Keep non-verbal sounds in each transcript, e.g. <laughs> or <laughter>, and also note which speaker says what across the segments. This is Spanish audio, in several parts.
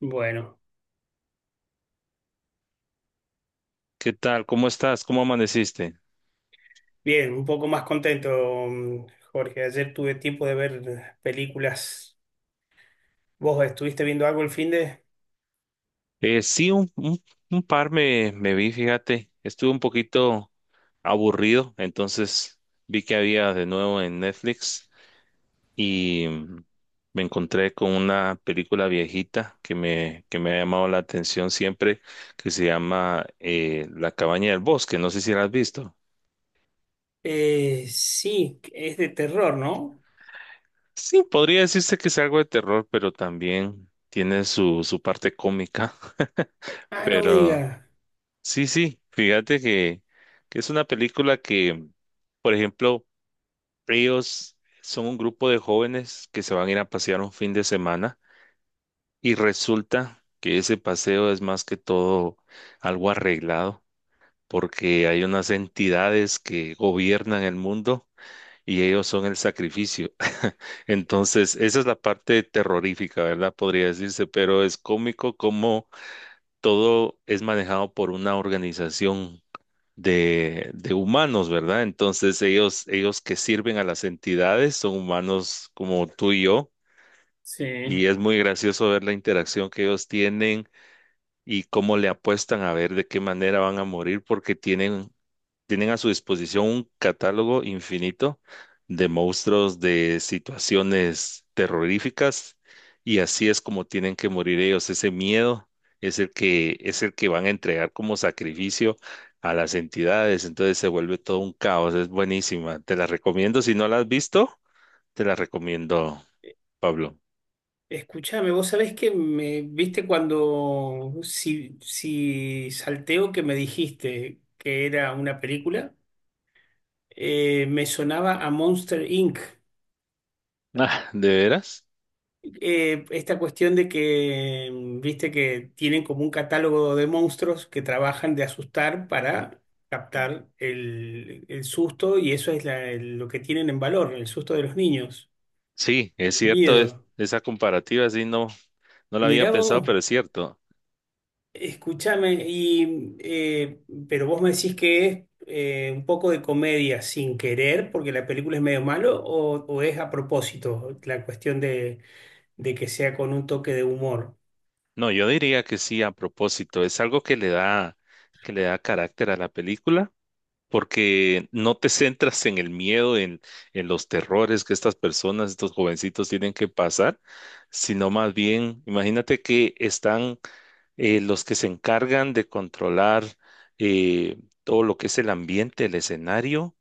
Speaker 1: Bueno,
Speaker 2: ¿Qué tal? ¿Cómo estás? ¿Cómo amaneciste?
Speaker 1: bien, un poco más contento, mm, Jorge. Ayer tuve tiempo de ver películas. ¿Vos estuviste viendo algo el fin de?
Speaker 2: Sí, un par me vi, fíjate. Estuve un poquito aburrido, entonces vi que había de nuevo en Netflix y me encontré con una película viejita que me ha llamado la atención siempre, que se llama La cabaña del bosque. No sé si la has visto.
Speaker 1: Sí, es de terror, ¿no?
Speaker 2: Sí, podría decirse que es algo de terror, pero también tiene su parte cómica, <laughs>
Speaker 1: Ah, no me
Speaker 2: pero...
Speaker 1: digas.
Speaker 2: Sí, sí, fíjate que es una película que, por ejemplo, ellos son un grupo de jóvenes que se van a ir a pasear un fin de semana y resulta que ese paseo es más que todo algo arreglado porque hay unas entidades que gobiernan el mundo y ellos son el sacrificio. <laughs> Entonces, esa es la parte terrorífica, ¿verdad? Podría decirse, pero es cómico como todo es manejado por una organización de humanos, ¿verdad? Entonces ellos que sirven a las entidades son humanos como tú y yo,
Speaker 1: Sí.
Speaker 2: y es muy gracioso ver la interacción que ellos tienen y cómo le apuestan a ver de qué manera van a morir, porque tienen a su disposición un catálogo infinito de monstruos, de situaciones terroríficas, y así es como tienen que morir ellos. Ese miedo es el que van a entregar como sacrificio a las entidades. Entonces se vuelve todo un caos. Es buenísima. Te la recomiendo. Si no la has visto, te la recomiendo, Pablo. <laughs>
Speaker 1: Escúchame, vos sabés que me viste cuando, si salteo que me dijiste que era una película, me sonaba a Monster Inc.
Speaker 2: Ah, ¿de veras?
Speaker 1: Esta cuestión de que, viste, que tienen como un catálogo de monstruos que trabajan de asustar para captar el susto, y eso es lo que tienen en valor, el susto de los niños,
Speaker 2: Sí, es
Speaker 1: el
Speaker 2: cierto.
Speaker 1: miedo.
Speaker 2: Esa comparativa sí no la había
Speaker 1: Mirá
Speaker 2: pensado,
Speaker 1: vos.
Speaker 2: pero es cierto.
Speaker 1: Escúchame, pero vos me decís que es un poco de comedia sin querer, porque la película es medio malo, o es a propósito la cuestión de que sea con un toque de humor.
Speaker 2: No, yo diría que sí, a propósito, es algo que le da carácter a la película, porque no te centras en el miedo, en los terrores que estas personas, estos jovencitos tienen que pasar, sino más bien, imagínate que están los que se encargan de controlar eh, todo lo que es el ambiente, el escenario,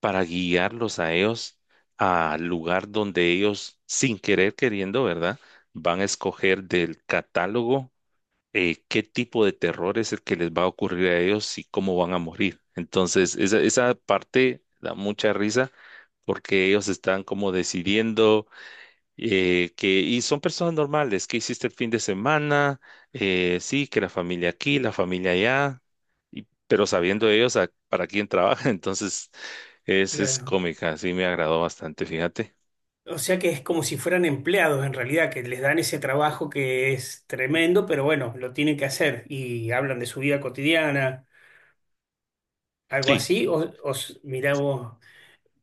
Speaker 2: para guiarlos a ellos al lugar donde ellos, sin querer queriendo, ¿verdad? Van a escoger del catálogo qué tipo de terror es el que les va a ocurrir a ellos y cómo van a morir. Entonces, esa parte da mucha risa porque ellos están como decidiendo y son personas normales, ¿qué hiciste el fin de semana? Sí, que la familia aquí, la familia allá, pero sabiendo ellos para quién trabaja, <laughs> entonces es
Speaker 1: Claro.
Speaker 2: cómica, sí me agradó bastante, fíjate.
Speaker 1: O sea que es como si fueran empleados en realidad, que les dan ese trabajo que es tremendo, pero bueno, lo tienen que hacer y hablan de su vida cotidiana, algo
Speaker 2: Sí.
Speaker 1: así. Mirá vos,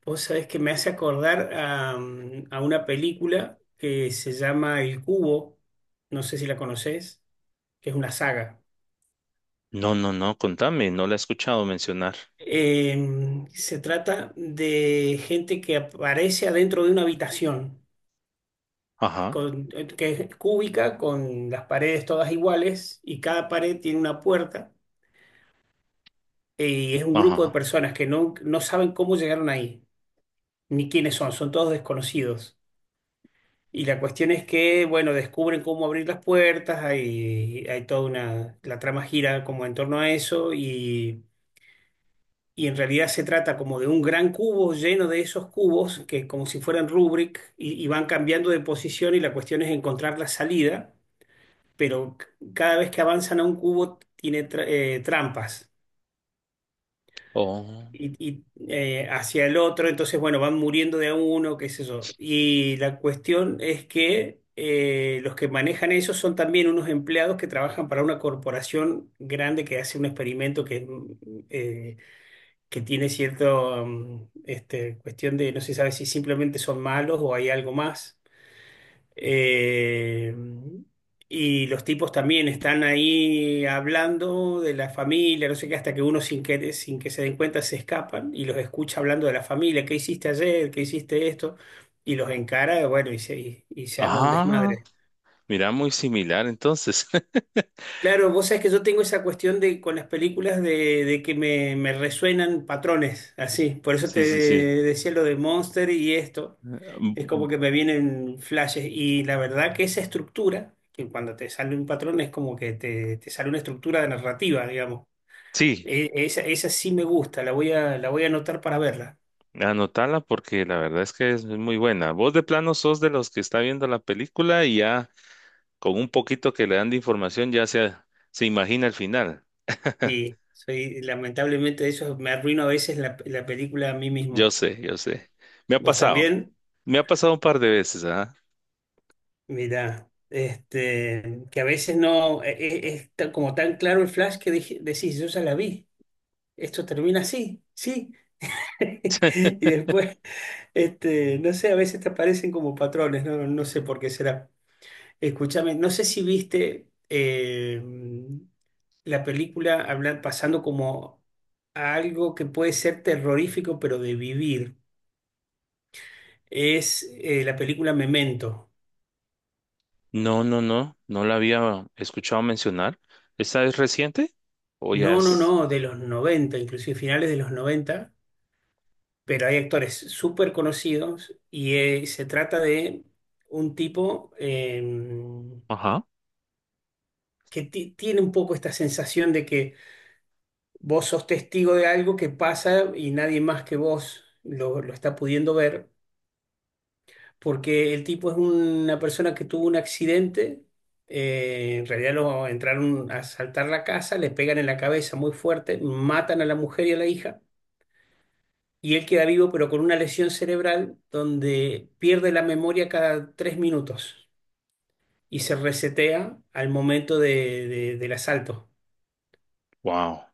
Speaker 1: vos sabés que me hace acordar a una película que se llama El Cubo, no sé si la conocés, que es una saga.
Speaker 2: No, no, no, contame, no la he escuchado mencionar.
Speaker 1: Se trata de gente que aparece adentro de una habitación,
Speaker 2: Ajá,
Speaker 1: que es cúbica, con las paredes todas iguales y cada pared tiene una puerta. Y es un grupo de
Speaker 2: ajá.
Speaker 1: personas que no saben cómo llegaron ahí, ni quiénes son, son todos desconocidos. Y la cuestión es que, bueno, descubren cómo abrir las puertas. Hay toda la trama gira como en torno a eso, y en realidad se trata como de un gran cubo lleno de esos cubos que como si fueran rubrik, y van cambiando de posición, y la cuestión es encontrar la salida, pero cada vez que avanzan a un cubo tiene trampas.
Speaker 2: Oh.
Speaker 1: Hacia el otro, entonces, bueno, van muriendo de a uno, qué sé yo. Y la cuestión es que los que manejan eso son también unos empleados que trabajan para una corporación grande que hace un experimento eh, que tiene cierta, cuestión de, no se sabe si simplemente son malos o hay algo más. Eh, y los tipos también están ahí hablando de la familia, no sé qué, hasta que uno, sin que se den cuenta se escapan y los escucha hablando de la familia. ¿Qué hiciste ayer? ¿Qué hiciste esto? Y los encara, bueno, y se arma un
Speaker 2: Ah,
Speaker 1: desmadre.
Speaker 2: mira, muy similar entonces. <laughs>
Speaker 1: Claro, vos sabés que yo tengo esa cuestión de con las películas de que me resuenan patrones, así. Por eso te
Speaker 2: Sí, sí, sí.
Speaker 1: decía lo de Monster y esto. Es
Speaker 2: Mm.
Speaker 1: como que me vienen flashes. Y la verdad que esa estructura, que cuando te sale un patrón, es como que te sale una estructura de narrativa, digamos.
Speaker 2: Sí,
Speaker 1: Esa sí me gusta, la voy a anotar para verla.
Speaker 2: anotala porque la verdad es que es muy buena. Vos de plano sos de los que está viendo la película y ya con un poquito que le dan de información ya se imagina el final. <laughs>
Speaker 1: Sí, soy, lamentablemente eso me arruino a veces la película a mí
Speaker 2: Yo
Speaker 1: mismo.
Speaker 2: sé, yo sé. Me ha
Speaker 1: ¿Vos
Speaker 2: pasado.
Speaker 1: también?
Speaker 2: Me ha pasado un par de veces, ¿ah?
Speaker 1: Mira, que a veces no es como tan claro el flash, que decís, yo ya la vi, esto termina así, sí. <laughs> Y después, no sé, a veces te aparecen como patrones, no, no sé por qué será. Escúchame, no sé si viste la película, hablan, pasando como a algo que puede ser terrorífico, pero de vivir. Es la película Memento.
Speaker 2: No, no, no. No la había escuchado mencionar. ¿Esta es reciente? ¿O ya
Speaker 1: No, no,
Speaker 2: es?
Speaker 1: no, de los 90, inclusive finales de los 90. Pero hay actores súper conocidos, y se trata de un tipo
Speaker 2: Ajá.
Speaker 1: que tiene un poco esta sensación de que vos sos testigo de algo que pasa y nadie más que vos lo está pudiendo ver, porque el tipo es una persona que tuvo un accidente. En realidad, lo entraron a asaltar la casa, le pegan en la cabeza muy fuerte, matan a la mujer y a la hija, y él queda vivo pero con una lesión cerebral donde pierde la memoria cada tres minutos y se resetea al momento del asalto.
Speaker 2: Wow.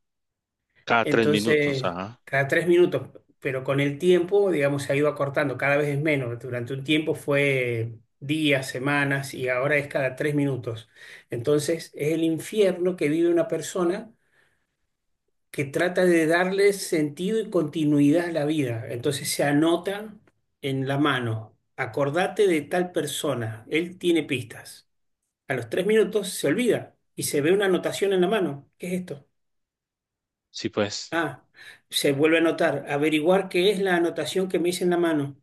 Speaker 2: Cada tres minutos,
Speaker 1: Entonces,
Speaker 2: ajá.
Speaker 1: cada tres minutos, pero con el tiempo, digamos, se ha ido acortando, cada vez es menos. Durante un tiempo fue días, semanas, y ahora es cada tres minutos. Entonces, es el infierno que vive una persona que trata de darle sentido y continuidad a la vida. Entonces se anota en la mano, acordate de tal persona, él tiene pistas. A los tres minutos se olvida y se ve una anotación en la mano. ¿Qué es esto?
Speaker 2: Sí, pues.
Speaker 1: Ah, se vuelve a anotar, averiguar qué es la anotación que me hice en la mano.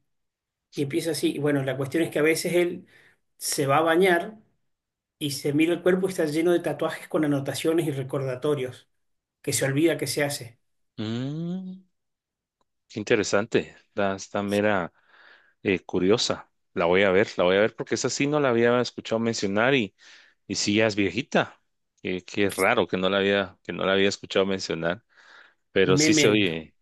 Speaker 1: Y empieza así. Y bueno, la cuestión es que a veces él se va a bañar y se mira el cuerpo y está lleno de tatuajes con anotaciones y recordatorios, que se olvida que se hace.
Speaker 2: Mm, qué interesante. Está mera curiosa. La voy a ver, la voy a ver porque esa sí no la había escuchado mencionar, y sí ya es viejita. Qué raro que no la había escuchado mencionar, pero sí se
Speaker 1: Memento.
Speaker 2: oye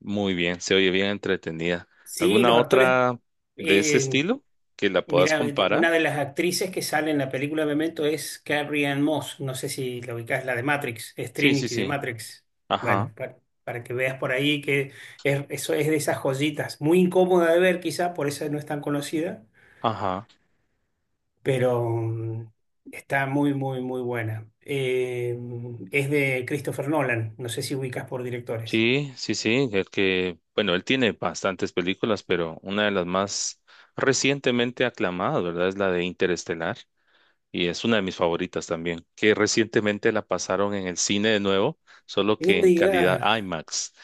Speaker 2: muy bien, se oye bien entretenida.
Speaker 1: Sí,
Speaker 2: ¿Alguna
Speaker 1: los actores.
Speaker 2: otra de ese
Speaker 1: eh,
Speaker 2: estilo que la puedas
Speaker 1: Mira,
Speaker 2: comparar?
Speaker 1: una de las actrices que sale en la película Memento es Carrie Ann Moss. No sé si la ubicás, la de Matrix, es
Speaker 2: Sí, sí,
Speaker 1: Trinity de
Speaker 2: sí.
Speaker 1: Matrix.
Speaker 2: Ajá,
Speaker 1: Bueno, para que veas por ahí que es, eso es de esas joyitas. Muy incómoda de ver, quizá, por eso no es tan conocida,
Speaker 2: ajá.
Speaker 1: pero está muy, muy, muy buena. Es de Christopher Nolan. No sé si ubicas por directores.
Speaker 2: Sí, sí, sí, el que, bueno, él tiene bastantes películas, pero una de las más recientemente aclamadas, ¿verdad? Es la de Interestelar y es una de mis favoritas también, que recientemente la pasaron en el cine de nuevo, solo que
Speaker 1: No me
Speaker 2: en calidad
Speaker 1: digas,
Speaker 2: IMAX.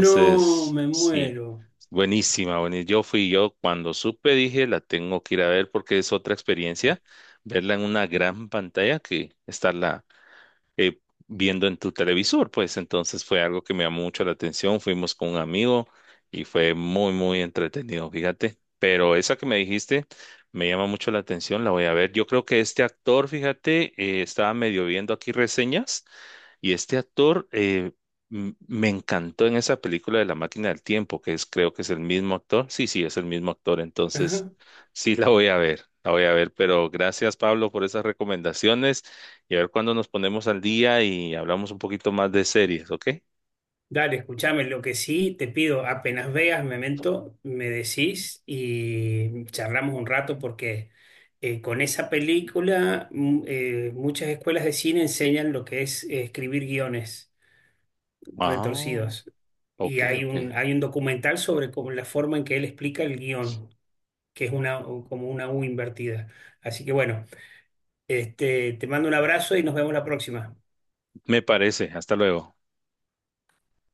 Speaker 1: no me
Speaker 2: sí,
Speaker 1: muero.
Speaker 2: buenísima, buenísima. Yo fui yo cuando supe, dije, la tengo que ir a ver porque es otra experiencia, verla en una gran pantalla que está eh, viendo en tu televisor, pues entonces fue algo que me llamó mucho la atención, fuimos con un amigo y fue muy, muy entretenido, fíjate, pero esa que me dijiste me llama mucho la atención, la voy a ver. Yo creo que este actor, fíjate, estaba medio viendo aquí reseñas. Y este actor me encantó en esa película de La Máquina del Tiempo, que es, creo que es el mismo actor. Sí, sí, es el mismo actor. Entonces,
Speaker 1: <laughs>
Speaker 2: sí, la voy a ver, la voy a ver. Pero gracias, Pablo, por esas recomendaciones. Y a ver cuándo nos ponemos al día y hablamos un poquito más de series, ¿ok?
Speaker 1: Dale, escúchame, lo que sí te pido, apenas veas Memento, me decís y charlamos un rato, porque con esa película muchas escuelas de cine enseñan lo que es escribir guiones
Speaker 2: Ah,
Speaker 1: retorcidos, y
Speaker 2: ok,
Speaker 1: hay
Speaker 2: ok.
Speaker 1: un, hay un documental sobre la forma en que él explica el guión, que es una, como una U invertida. Así que bueno, te mando un abrazo y nos vemos la próxima.
Speaker 2: Me parece. Hasta luego.